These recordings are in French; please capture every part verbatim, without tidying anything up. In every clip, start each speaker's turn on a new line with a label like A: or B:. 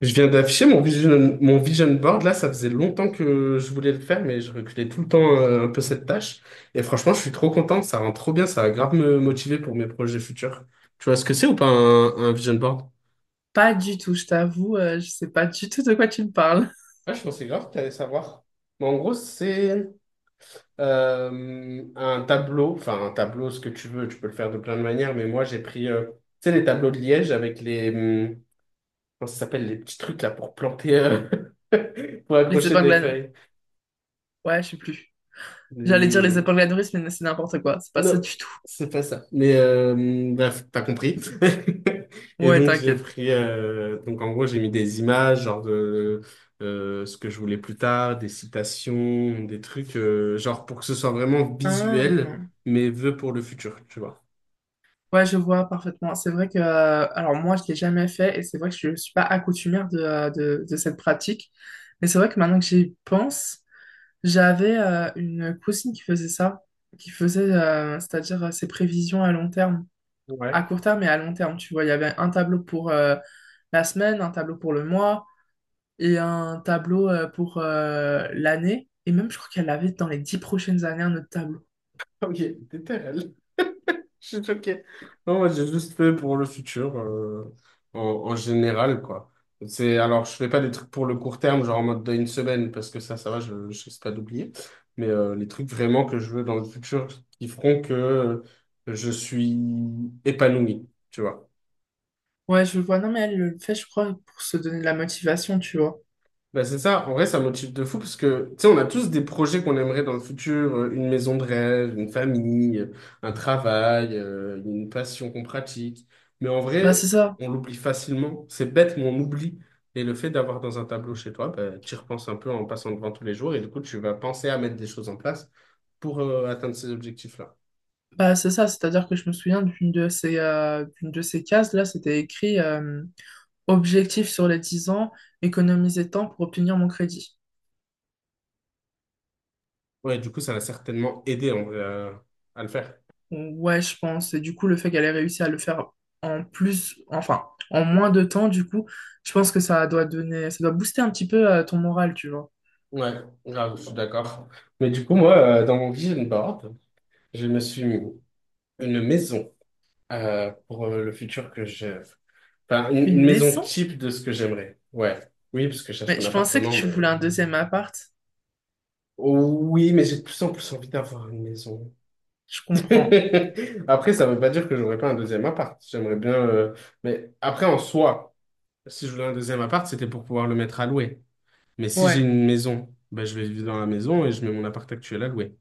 A: Je viens d'afficher mon vision, mon vision board. Là, ça faisait longtemps que je voulais le faire, mais je reculais tout le temps euh, un peu cette tâche. Et franchement, je suis trop content. Ça rend trop bien. Ça va grave me motiver pour mes projets futurs. Tu vois ce que c'est ou pas un, un vision board?
B: Pas du tout, je t'avoue, euh, je sais pas du tout de quoi tu me parles.
A: Ah, je pensais grave que tu allais savoir. Mais en gros, c'est euh, un tableau. Enfin, un tableau, ce que tu veux. Tu peux le faire de plein de manières. Mais moi, j'ai pris, euh, tu sais, les tableaux de Liège avec les, hum, comment ça s'appelle, les petits trucs là pour planter, euh, pour
B: Les
A: accrocher
B: épingles
A: des
B: à...
A: feuilles.
B: Ouais, je sais plus. J'allais dire les
A: Les-
B: épingles à nourrice, mais c'est n'importe quoi. C'est pas ça
A: Non,
B: du tout.
A: c'est pas ça. Mais euh, bref, t'as compris. Et
B: Ouais,
A: donc j'ai
B: t'inquiète.
A: pris, euh, donc en gros j'ai mis des images, genre de euh, ce que je voulais plus tard, des citations, des trucs, euh, genre pour que ce soit vraiment visuel,
B: Ah.
A: mais vœux pour le futur, tu vois.
B: Ouais, je vois parfaitement. C'est vrai que... euh, Alors moi, je l'ai jamais fait et c'est vrai que je suis pas accoutumère de, euh, de, de cette pratique. Mais c'est vrai que maintenant que j'y pense, j'avais euh, une cousine qui faisait ça, qui faisait, euh, c'est-à-dire euh, ses prévisions à long terme. À
A: Ouais.
B: court terme et à long terme, tu vois. Il y avait un tableau pour... euh, la semaine, un tableau pour le mois, et un tableau euh, pour euh, l'année. Et même, je crois qu'elle avait dans les dix prochaines années un autre tableau.
A: Ok, t'es terrel. Je suis choqué. Non, moi, j'ai juste fait pour le futur, euh, en, en général, quoi. C'est, alors, je fais pas des trucs pour le court terme, genre en mode d'une semaine, parce que ça, ça va, je, je risque pas d'oublier. Mais euh, les trucs vraiment que je veux dans le futur qui feront que je suis épanoui, tu vois.
B: Ouais, je vois. Non, mais elle le fait, je crois, pour se donner de la motivation, tu vois.
A: Bah c'est ça, en vrai, ça motive de fou parce que, tu sais, on a tous des projets qu'on aimerait dans le futur, euh, une maison de rêve, une famille, euh, un travail, euh, une passion qu'on pratique. Mais en
B: Bah, c'est
A: vrai,
B: ça.
A: on l'oublie facilement. C'est bête, mais on oublie. Et le fait d'avoir dans un tableau chez toi, bah, tu y repenses un peu en passant devant tous les jours et du coup, tu vas penser à mettre des choses en place pour euh, atteindre ces objectifs-là.
B: Bah, c'est ça, c'est-à-dire que je me souviens d'une de ces, euh, d'une de ces cases-là, c'était écrit euh, objectif sur les dix ans, économiser temps pour obtenir mon crédit.
A: Ouais, du coup, ça va certainement aider en vrai, à à le faire.
B: Ouais, je pense. Et du coup, le fait qu'elle ait réussi à le faire en plus, enfin, en moins de temps, du coup, je pense que ça doit donner, ça doit booster un petit peu euh, ton moral, tu vois.
A: Ouais, grave, je suis d'accord. Mais du coup, moi, euh, dans mon vision board, je me suis mis une maison euh, pour euh, le futur que j'ai. Enfin, une,
B: Une
A: une maison
B: maison?
A: type de ce que j'aimerais. Ouais. Oui, parce que j'achète
B: Mais
A: un
B: je pensais que
A: appartement,
B: tu voulais
A: mais...
B: un deuxième appart.
A: Oh, oui, mais j'ai de plus en plus envie d'avoir une maison.
B: Je comprends.
A: Après, ça veut pas dire que j'aurais pas un deuxième appart. J'aimerais bien... euh, Mais après, en soi, si je voulais un deuxième appart, c'était pour pouvoir le mettre à louer. Mais si j'ai
B: Ouais.
A: une maison, ben, je vais vivre dans la maison et je mets mon appart actuel à louer.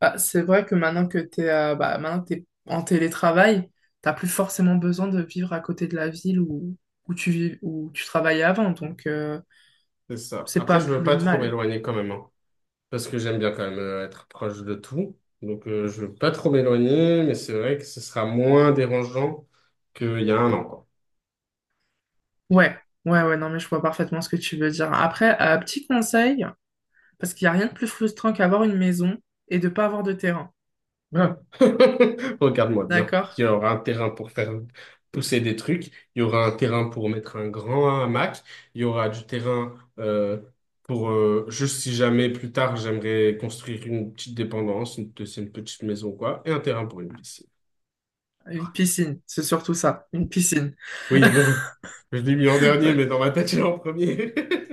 B: Bah, c'est vrai que maintenant que t'es euh, bah, maintenant que t'es en télétravail, t'as plus forcément besoin de vivre à côté de la ville où, où tu vis, où tu travaillais avant, donc euh,
A: C'est ça.
B: c'est
A: Après,
B: pas
A: je veux
B: plus
A: pas trop
B: mal.
A: m'éloigner quand même, hein, parce que j'aime bien quand même euh, être proche de tout. Donc, euh, je veux pas trop m'éloigner, mais c'est vrai que ce sera moins dérangeant qu'il y a un an, quoi.
B: Ouais, ouais, ouais, non mais je vois parfaitement ce que tu veux dire. Après, euh, petit conseil, parce qu'il n'y a rien de plus frustrant qu'avoir une maison et de pas avoir de terrain,
A: Ah. Regarde-moi bien.
B: d'accord?
A: Il y aura un terrain pour faire pousser des trucs, il y aura un terrain pour mettre un grand hamac, il y aura du terrain euh, pour, euh, juste si jamais plus tard j'aimerais construire une petite dépendance, une, une petite maison, quoi, et un terrain pour une piscine.
B: Une piscine, c'est surtout ça, une piscine.
A: Oui, bon, je l'ai mis en dernier, mais dans ma tête, il est en premier.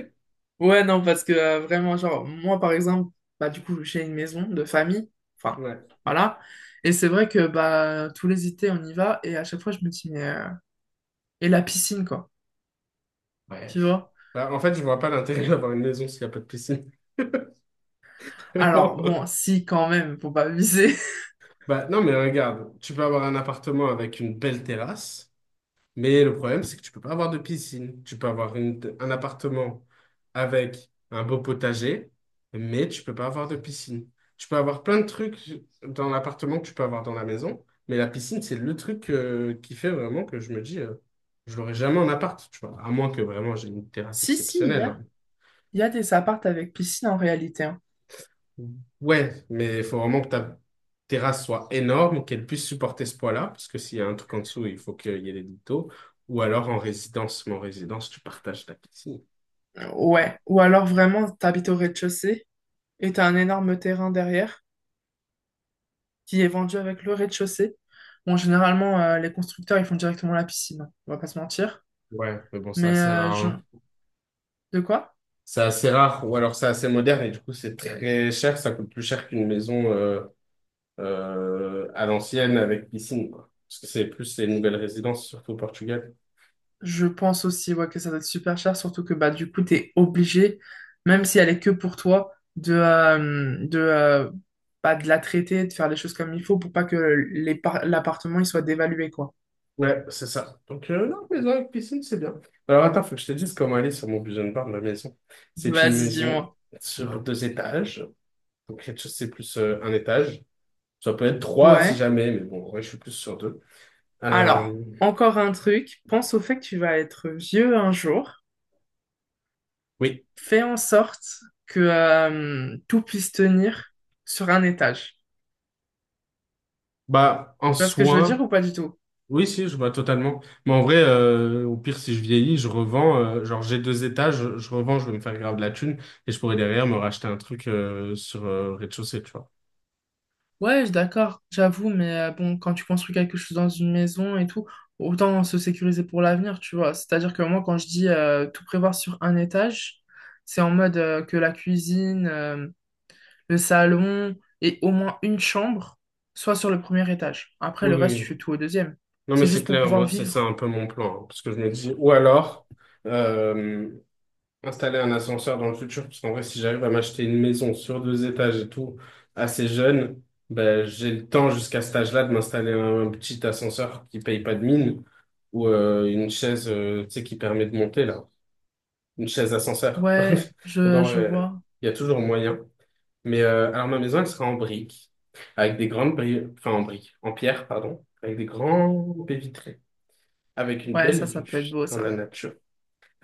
B: Ouais, non, parce que euh, vraiment, genre, moi, par exemple, bah, du coup, j'ai une maison de famille, enfin,
A: Ouais.
B: voilà. Et c'est vrai que, bah, tous les étés, on y va, et à chaque fois, je me dis, mais, euh, et la piscine, quoi,
A: Ouais.
B: tu vois?
A: Bah, en fait, je vois pas l'intérêt d'avoir une maison s'il n'y a pas de piscine.
B: Alors,
A: Vraiment.
B: bon, si, quand même, faut pas abuser.
A: Bah, non, mais regarde, tu peux avoir un appartement avec une belle terrasse, mais le problème, c'est que tu peux pas avoir de piscine. Tu peux avoir une- un appartement avec un beau potager, mais tu peux pas avoir de piscine. Tu peux avoir plein de trucs dans l'appartement que tu peux avoir dans la maison, mais la piscine, c'est le truc euh, qui fait vraiment que je me dis, euh, je l'aurai jamais en appart, tu vois, à moins que vraiment j'ai une terrasse
B: Si, si, il y
A: exceptionnelle, hein.
B: a, il y a des appartes avec piscine, en réalité, hein.
A: Ouais, mais il faut vraiment que ta terrasse soit énorme, qu'elle puisse supporter ce poids-là, parce que s'il y a un truc en dessous, il faut qu'il y ait des liteaux. Ou alors en résidence, mais en résidence, tu partages ta piscine.
B: Ouais, ou alors, vraiment, t'habites au rez-de-chaussée, et t'as un énorme terrain derrière, qui est vendu avec le rez-de-chaussée. Bon, généralement, euh, les constructeurs, ils font directement la piscine, hein, on va pas se mentir.
A: Ouais, mais bon, c'est
B: Mais
A: assez
B: euh,
A: rare,
B: je-
A: hein.
B: De quoi?
A: C'est assez rare, ou alors c'est assez moderne, et du coup, c'est très cher, ça coûte plus cher qu'une maison euh, euh, à l'ancienne avec piscine, quoi. Parce que c'est plus les nouvelles résidences, surtout au Portugal.
B: Je pense aussi ouais, que ça doit être super cher, surtout que bah du coup t'es obligé, même si elle est que pour toi, de euh, de euh, bah, de la traiter, de faire les choses comme il faut pour pas que les par- l'appartement il soit dévalué quoi.
A: Ouais, c'est ça. Donc, euh, non, maison avec piscine, c'est bien. Alors, attends, faut que je te dise comment elle est sur mon vision board, ma maison. C'est une
B: Vas-y,
A: maison
B: dis-moi.
A: sur deux étages. Donc, rez-de-chaussée plus euh, un étage. Ça peut être trois si
B: Ouais.
A: jamais, mais bon, ouais, je suis plus sur deux.
B: Alors,
A: Euh,
B: encore un truc, pense au fait que tu vas être vieux un jour.
A: oui.
B: Fais en sorte que euh, tout puisse tenir sur un étage.
A: Bah, en
B: Tu vois ce que je veux dire
A: soi.
B: ou pas du tout?
A: Oui, si, je vois totalement. Mais en vrai, euh, au pire, si je vieillis, je revends euh, genre, j'ai deux étages, je, je revends, je vais me faire grave de la thune et je pourrais derrière me racheter un truc euh, sur euh, rez-de-chaussée, tu vois.
B: Ouais, je suis d'accord, j'avoue, mais euh, bon, quand tu construis quelque chose dans une maison et tout, autant se sécuriser pour l'avenir, tu vois. C'est-à-dire que moi, quand je dis euh, tout prévoir sur un étage, c'est en mode euh, que la cuisine, euh, le salon et au moins une chambre soit sur le premier étage. Après,
A: Oui,
B: le reste, tu
A: oui.
B: fais tout au deuxième.
A: Non, mais
B: C'est
A: c'est
B: juste pour
A: clair,
B: pouvoir
A: moi, c'est ça un
B: vivre.
A: peu mon plan, hein, parce que je me dis, ou alors, euh, installer un ascenseur dans le futur, parce qu'en vrai, si j'arrive à m'acheter une maison sur deux étages et tout, assez jeune, ben, j'ai le temps jusqu'à cet âge-là de m'installer un, un petit ascenseur qui paye pas de mine, ou euh, une chaise, euh, tu sais, qui permet de monter, là, une chaise ascenseur.
B: Ouais,
A: Donc en
B: je, je
A: vrai,
B: vois.
A: il y a toujours moyen. Mais euh, alors ma maison, elle sera en briques, avec des grandes briques, enfin en briques, en pierre, pardon, avec des grands baies vitrées, avec une
B: Ouais,
A: belle
B: ça, ça
A: vue
B: peut être beau,
A: sur la
B: ça.
A: nature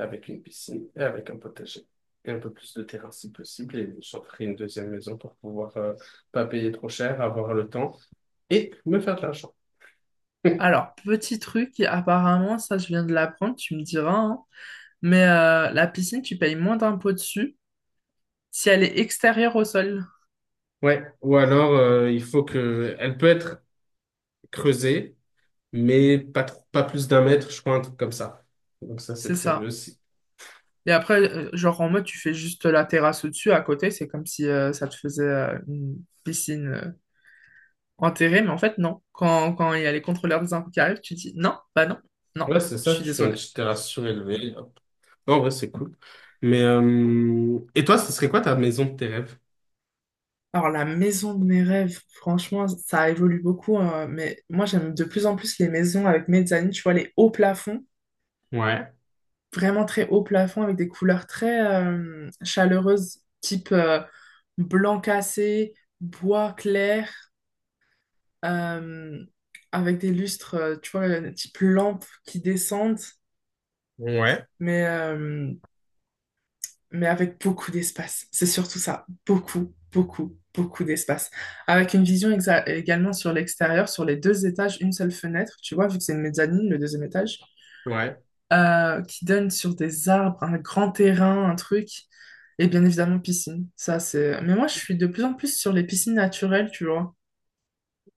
A: avec une piscine et avec un potager. Et un peu plus de terrain si possible. Et j'offrirai une deuxième maison pour pouvoir euh, pas payer trop cher, avoir le temps et me faire de l'argent.
B: Alors, petit truc, qui, apparemment, ça, je viens de l'apprendre, tu me diras, hein, mais euh, la piscine, tu payes moins d'impôts dessus. Si elle est extérieure au sol,
A: Ouais, ou alors euh, il faut que elle peut être creusée, mais pas trop- pas plus d'un mètre, je crois, un truc comme ça. Donc ça, c'est
B: c'est
A: prévu
B: ça.
A: aussi.
B: Et après, euh, genre en mode, tu fais juste la terrasse au-dessus, à côté, c'est comme si euh, ça te faisait euh, une piscine euh, enterrée, mais en fait, non. Quand, quand il y a les contrôleurs des impôts qui arrivent, tu dis non, bah non, non,
A: Ouais, c'est
B: je
A: ça,
B: suis
A: tu fais une
B: désolé.
A: petite terrasse surélevée. Hop. Non, en vrai, c'est cool. Mais euh, et toi, ce serait quoi ta maison de tes rêves?
B: Alors, la maison de mes rêves, franchement, ça évolue beaucoup, euh, mais moi, j'aime de plus en plus les maisons avec mezzanine, tu vois, les hauts plafonds,
A: Ouais.
B: vraiment très hauts plafonds avec des couleurs très euh, chaleureuses, type euh, blanc cassé, bois clair. euh, Avec des lustres, euh, tu vois, euh, type lampes qui descendent,
A: Ouais.
B: mais, euh, mais avec beaucoup d'espace. C'est surtout ça, beaucoup, beaucoup, beaucoup d'espace. Avec une vision exa- également sur l'extérieur, sur les deux étages, une seule fenêtre, tu vois, vu que c'est une mezzanine, le deuxième étage,
A: Ouais.
B: euh, qui donne sur des arbres, un grand terrain, un truc. Et bien évidemment, piscine. Ça, c'est... Mais moi, je suis de plus en plus sur les piscines naturelles, tu vois.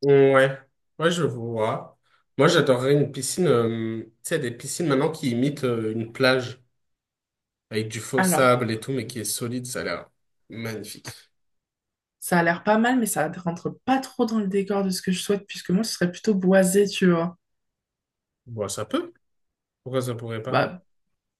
A: Ouais, ouais, je vois. Moi, j'adorerais une piscine, euh, tu sais, des piscines maintenant qui imitent euh, une plage avec du faux
B: Alors,
A: sable et tout, mais qui est solide, ça a l'air magnifique.
B: ça a l'air pas mal, mais ça rentre pas trop dans le décor de ce que je souhaite, puisque moi, ce serait plutôt boisé, tu vois.
A: Bon, ça peut. Pourquoi ça pourrait pas?
B: Bah,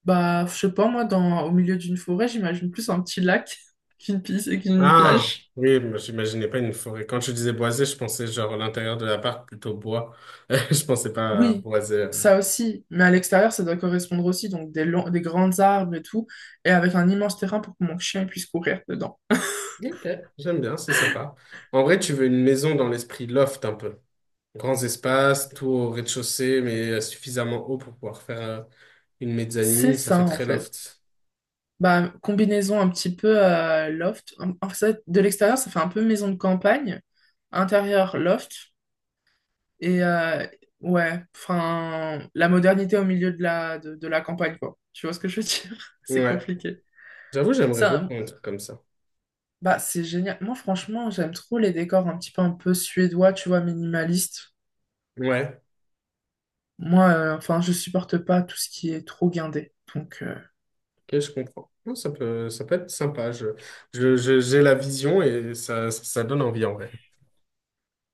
B: bah, je sais pas, moi, dans, au milieu d'une forêt, j'imagine plus un petit lac qu'une piste et qu'une
A: Ah,
B: plage.
A: oui, moi, j'imaginais pas une forêt. Quand je disais boisé, je pensais genre à l'intérieur de l'appart plutôt bois. Je pensais pas à
B: Oui,
A: boisé. euh.
B: ça aussi, mais à l'extérieur, ça doit correspondre aussi, donc des longs, des grands arbres et tout, et avec un immense terrain pour que mon chien puisse courir dedans.
A: Ok, j'aime bien, c'est sympa. En vrai, tu veux une maison dans l'esprit loft un peu. Grands espaces, tout au rez-de-chaussée, mais suffisamment haut pour pouvoir faire. euh, Une
B: C'est
A: mezzanine, ça
B: ça,
A: fait
B: en
A: très
B: fait.
A: loft.
B: Bah, combinaison un petit peu euh, loft. En en fait, de l'extérieur, ça fait un peu maison de campagne. Intérieur, loft. Et euh, ouais, enfin, la modernité au milieu de la, de, de la campagne, quoi. Tu vois ce que je veux dire? C'est
A: Ouais.
B: compliqué.
A: J'avoue, j'aimerais
B: Ça,
A: beaucoup un truc comme ça.
B: bah, c'est génial. Moi, franchement, j'aime trop les décors un petit peu un peu suédois, tu vois, minimaliste.
A: Ouais.
B: Moi, euh, enfin, je supporte pas tout ce qui est trop guindé. Donc, euh,
A: Ok, je comprends. Non, ça peut, ça peut être sympa. Je, je, je- j'ai la vision et ça, ça, donne envie en vrai.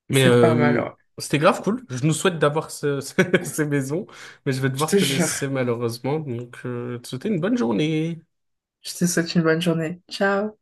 A: Mais
B: C'est pas mal,
A: euh,
B: ouais.
A: c'était grave cool. Je nous souhaite d'avoir ce- ce- ces maisons, mais je vais
B: Je
A: devoir
B: te
A: te
B: jure.
A: laisser malheureusement. Donc, euh, te souhaiter une bonne journée.
B: Je te souhaite une bonne journée. Ciao!